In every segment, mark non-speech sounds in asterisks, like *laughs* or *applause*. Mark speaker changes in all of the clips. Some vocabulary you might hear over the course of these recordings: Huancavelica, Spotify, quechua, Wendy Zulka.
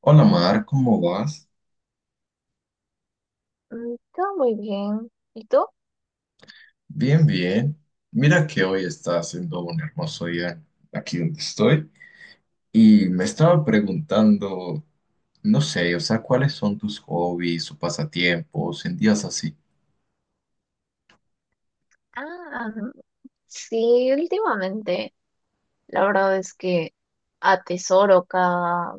Speaker 1: Hola Mar, ¿cómo vas?
Speaker 2: Todo muy bien. ¿Y tú?
Speaker 1: Bien, bien. Mira que hoy está haciendo un hermoso día aquí donde estoy y me estaba preguntando, no sé, o sea, ¿cuáles son tus hobbies o pasatiempos en días así?
Speaker 2: Ah, sí, últimamente la verdad es que atesoro cada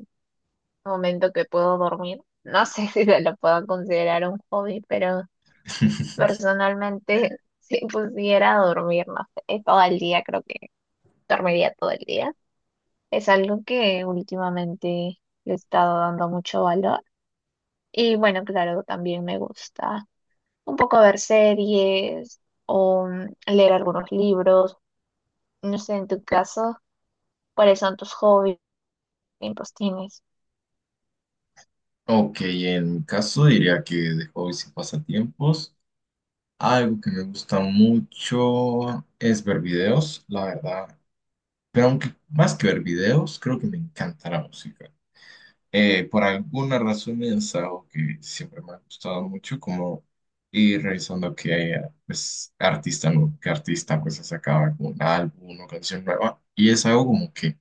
Speaker 2: momento que puedo dormir. No sé *laughs* si se lo puedo considerar un hobby, pero
Speaker 1: *laughs*
Speaker 2: personalmente *laughs* si pudiera dormir, no sé, todo el día, creo que dormiría todo el día. Es algo que últimamente le he estado dando mucho valor. Y bueno, claro, también me gusta un poco ver series o leer algunos libros. No sé, en tu caso, ¿cuáles son tus hobbies? ¿Qué tiempos tienes?
Speaker 1: Ok, en mi caso diría que de hobbies y pasatiempos, algo que me gusta mucho es ver videos, la verdad. Pero aunque más que ver videos, creo que me encanta la música. Por alguna razón es algo que siempre me ha gustado mucho, como ir revisando que haya, pues, artista, ¿no? Que artista pues sacaba como un álbum, una canción nueva. Y es algo como que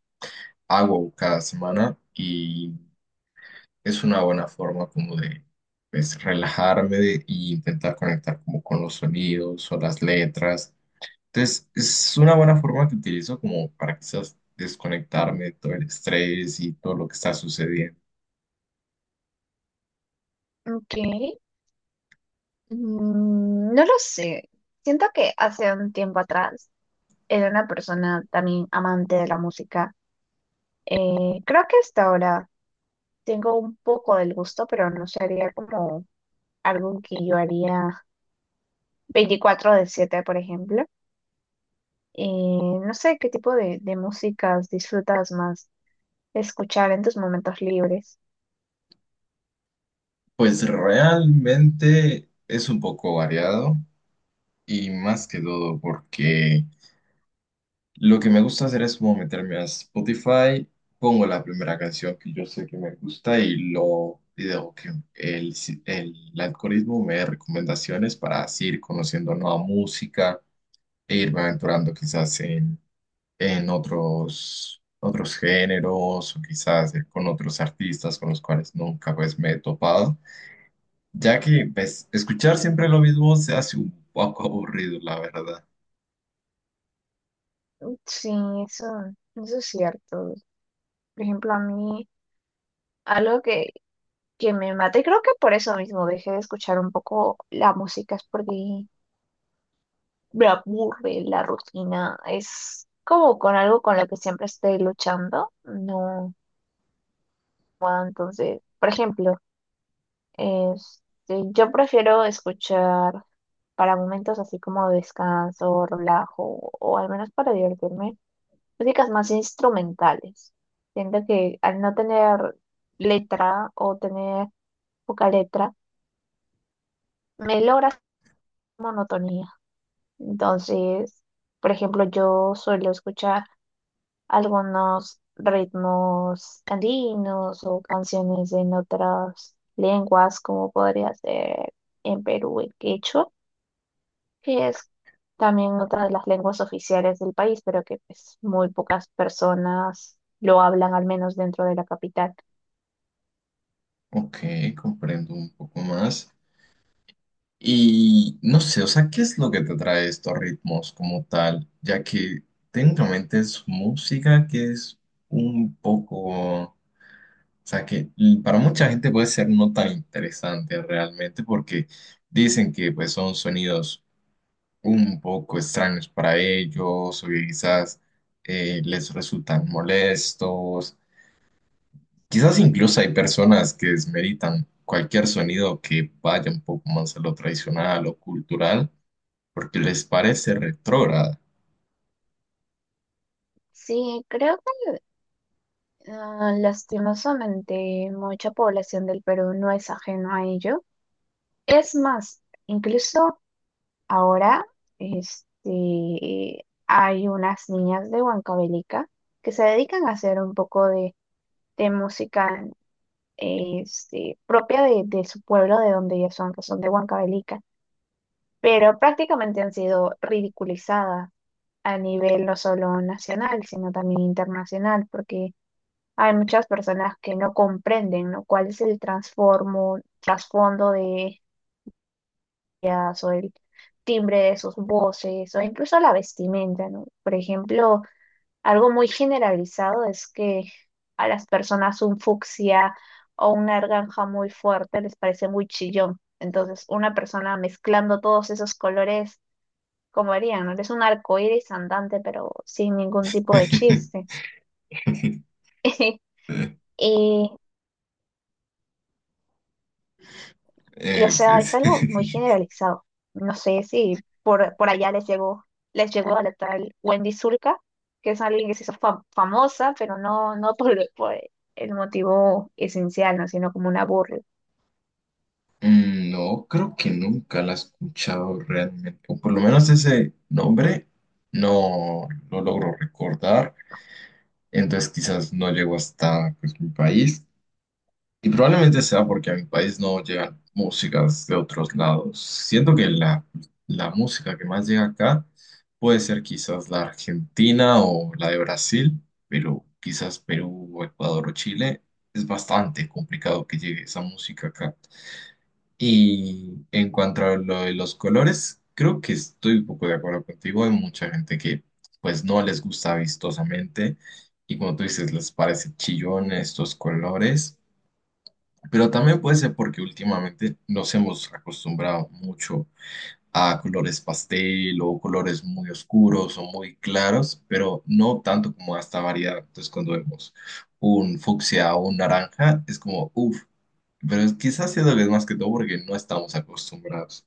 Speaker 1: hago cada semana y es una buena forma como de, pues, relajarme y intentar conectar como con los sonidos o las letras. Entonces, es una buena forma que utilizo como para quizás desconectarme de todo el estrés y todo lo que está sucediendo.
Speaker 2: Ok. Mm, no lo sé. Siento que hace un tiempo atrás era una persona también amante de la música. Creo que hasta ahora tengo un poco del gusto, pero no sería como algo que yo haría 24/7 por ejemplo. No sé qué tipo de músicas disfrutas más escuchar en tus momentos libres.
Speaker 1: Pues realmente es un poco variado y más que todo porque lo que me gusta hacer es como meterme a Spotify, pongo la primera canción que yo sé que me gusta y dejo que el, si- el algoritmo me dé recomendaciones para así ir conociendo nueva música e irme aventurando quizás en otros géneros o quizás con otros artistas con los cuales nunca pues me he topado. Ya que pues, escuchar siempre lo mismo se hace un poco aburrido, la verdad.
Speaker 2: Sí, eso, eso es cierto. Por ejemplo, a mí algo que me mata, y creo que por eso mismo dejé de escuchar un poco la música, es porque me aburre la rutina, es como con algo con lo que siempre estoy luchando, no, entonces, por ejemplo, este, yo prefiero escuchar para momentos así como descanso, relajo, o al menos para divertirme, músicas más instrumentales. Siento que al no tener letra o tener poca letra, me logra hacer monotonía. Entonces, por ejemplo, yo suelo escuchar algunos ritmos andinos o canciones en otras lenguas, como podría ser en Perú el quechua, que es también otra de las lenguas oficiales del país, pero que pues muy pocas personas lo hablan, al menos dentro de la capital.
Speaker 1: Ok, comprendo un poco más. Y no sé, o sea, ¿qué es lo que te trae estos ritmos como tal? Ya que técnicamente es música que es un poco, o sea, que para mucha gente puede ser no tan interesante realmente porque dicen que pues son sonidos un poco extraños para ellos o que quizás les resultan molestos. Quizás incluso hay personas que desmeritan cualquier sonido que vaya un poco más a lo tradicional o cultural porque les parece retrógrada.
Speaker 2: Sí, creo que lastimosamente mucha población del Perú no es ajeno a ello. Es más, incluso ahora este, hay unas niñas de Huancavelica que se dedican a hacer un poco de música este, propia de su pueblo, de donde ellas son, que son de Huancavelica, pero prácticamente han sido ridiculizadas a nivel no solo nacional, sino también internacional, porque hay muchas personas que no comprenden, ¿no?, cuál es el trasfondo de o el timbre de sus voces o incluso la vestimenta, ¿no? Por ejemplo, algo muy generalizado es que a las personas un fucsia o una naranja muy fuerte les parece muy chillón. Entonces, una persona mezclando todos esos colores, como harían, ¿no? Es un arcoíris andante, pero sin ningún tipo de chiste.
Speaker 1: *laughs*
Speaker 2: *laughs* Y o sea, es
Speaker 1: Pues,
Speaker 2: algo muy
Speaker 1: *laughs*
Speaker 2: generalizado. No sé si por allá les llegó a la tal Wendy Zulka, que es alguien que se hizo famosa, pero no por, *laughs* por el motivo esencial, ¿no? Sino como una burla.
Speaker 1: mm, no, creo que nunca la he escuchado realmente, o por lo menos ese nombre no lo logro recordar, entonces quizás no llego hasta pues, mi país. Y probablemente sea porque a mi país no llegan músicas de otros lados. Siento que la música que más llega acá puede ser quizás la argentina o la de Brasil, pero quizás Perú o Ecuador o Chile es bastante complicado que llegue esa música acá. Y en cuanto a lo de los colores, creo que estoy un poco de acuerdo contigo. Hay mucha gente que pues no les gusta vistosamente y como tú dices, les parece chillón estos colores. Pero también puede ser porque últimamente nos hemos acostumbrado mucho a colores pastel o colores muy oscuros o muy claros, pero no tanto como a esta variedad. Entonces, cuando vemos un fucsia o un naranja, es como, uff, pero quizás siendo que es más que todo porque no estamos acostumbrados.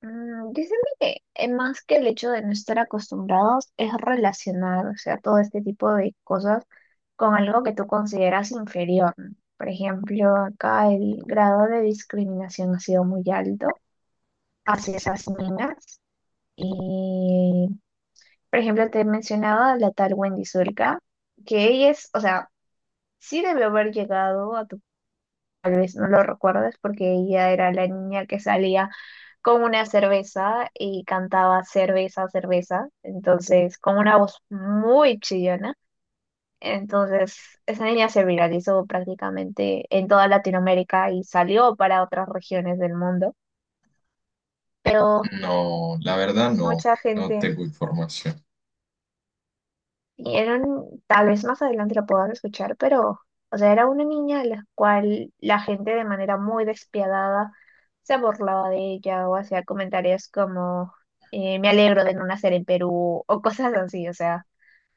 Speaker 2: Mm, dicen que más que el hecho de no estar acostumbrados es relacionar, o sea, todo este tipo de cosas con algo que tú consideras inferior, ¿no? Por ejemplo, acá el grado de discriminación ha sido muy alto hacia esas niñas. Y, por ejemplo, te he mencionado a la tal Wendy Zulka, que ella es, o sea, sí debe haber llegado a tu, tal vez no lo recuerdas, porque ella era la niña que salía con una cerveza y cantaba cerveza, cerveza, entonces con una voz muy chillona. Entonces, esa niña se viralizó prácticamente en toda Latinoamérica y salió para otras regiones del mundo, pero
Speaker 1: No, la verdad no,
Speaker 2: mucha
Speaker 1: no
Speaker 2: gente.
Speaker 1: tengo información.
Speaker 2: Eran, tal vez más adelante la puedan escuchar, pero, o sea, era una niña a la cual la gente de manera muy despiadada se burlaba de ella o hacía comentarios como, me alegro de no nacer en Perú o cosas así, o sea,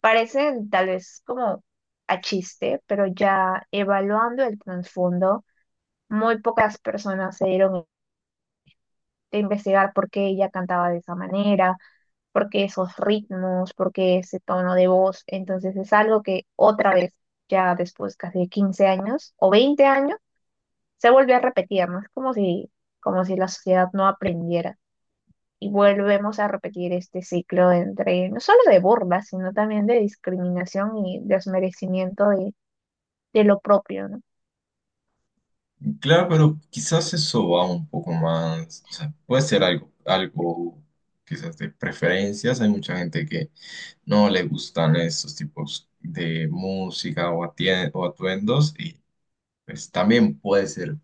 Speaker 2: parecen tal vez como a chiste, pero ya evaluando el trasfondo, muy pocas personas se dieron a investigar por qué ella cantaba de esa manera porque esos ritmos, porque ese tono de voz. Entonces es algo que otra vez, ya después casi de 15 años o 20 años, se vuelve a repetir, ¿no? Es como si la sociedad no aprendiera. Y volvemos a repetir este ciclo entre, no solo de burlas, sino también de discriminación y desmerecimiento de lo propio, ¿no?
Speaker 1: Claro, pero quizás eso va un poco más, o sea, puede ser algo, algo quizás de preferencias. Hay mucha gente que no le gustan estos tipos de música o, o atuendos y pues también puede ser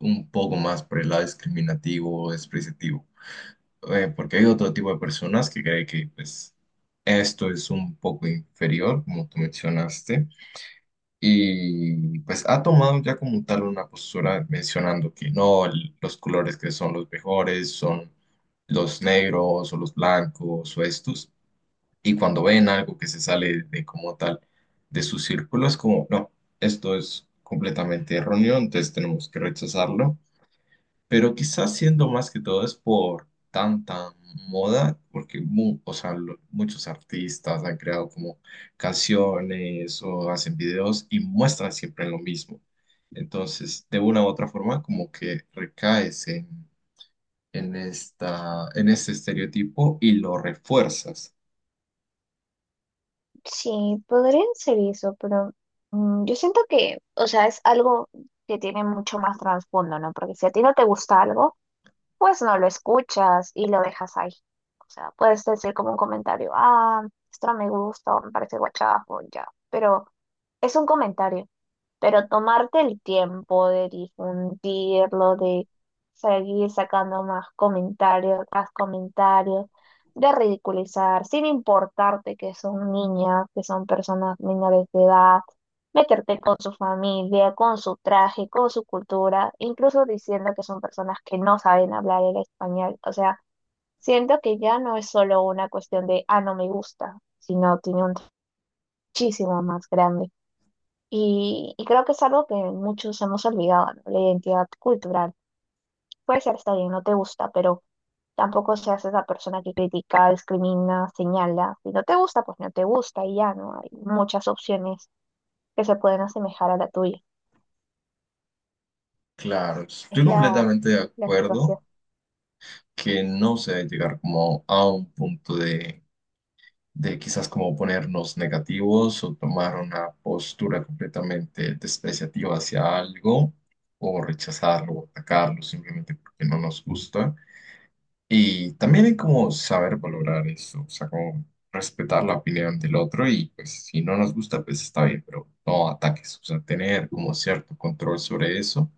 Speaker 1: un poco más por el lado discriminativo o despreciativo. Porque hay otro tipo de personas que cree que pues esto es un poco inferior, como tú mencionaste, y pues ha tomado ya como tal una postura mencionando que no, los colores que son los mejores son los negros o los blancos o estos. Y cuando ven algo que se sale de como tal de su círculo, es como, no, esto es completamente erróneo, entonces tenemos que rechazarlo. Pero quizás siendo más que todo es por tanta moda, porque o sea, muchos artistas han creado como canciones o hacen videos y muestran siempre lo mismo. Entonces, de una u otra forma, como que recaes en en este estereotipo y lo refuerzas.
Speaker 2: Sí, podrían ser eso, pero yo siento que, o sea, es algo que tiene mucho más trasfondo, ¿no? Porque si a ti no te gusta algo, pues no lo escuchas y lo dejas ahí. O sea, puedes decir como un comentario, ah, esto no me gusta, o me parece guachapo, ya. Pero es un comentario. Pero tomarte el tiempo de difundirlo, de seguir sacando más comentarios, de ridiculizar, sin importarte que son niñas, que son personas menores de edad, meterte con su familia, con su traje, con su cultura, incluso diciendo que son personas que no saben hablar el español. O sea, siento que ya no es solo una cuestión de, ah, no me gusta, sino tiene un muchísimo más grande. Y creo que es algo que muchos hemos olvidado, ¿no? La identidad cultural. Puede ser, está bien, no te gusta, pero tampoco seas esa persona que critica, discrimina, señala. Si no te gusta, pues no te gusta y ya, ¿no? Hay muchas opciones que se pueden asemejar a la tuya.
Speaker 1: Claro, estoy
Speaker 2: Es
Speaker 1: completamente de
Speaker 2: la
Speaker 1: acuerdo
Speaker 2: situación.
Speaker 1: que no se debe llegar como a un punto de quizás como ponernos negativos o tomar una postura completamente despreciativa hacia algo o rechazarlo o atacarlo simplemente porque no nos gusta. Y también hay como saber valorar eso, o sea, como respetar la opinión del otro y pues si no nos gusta, pues está bien, pero no ataques, o sea, tener como cierto control sobre eso.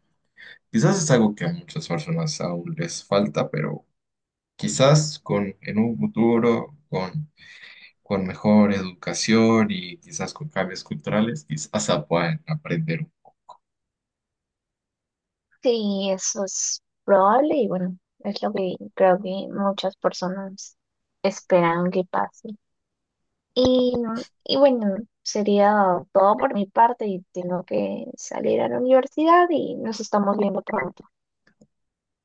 Speaker 1: Quizás es algo que a muchas personas aún les falta, pero quizás en un futuro, con mejor educación y quizás con cambios culturales, quizás se puedan aprender.
Speaker 2: Sí, eso es probable y bueno, es lo que creo que muchas personas esperan que pase. Y, y bueno, sería todo por mi parte y tengo que salir a la universidad y nos estamos viendo pronto.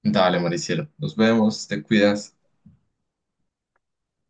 Speaker 1: Dale, Maricielo, nos vemos, te cuidas.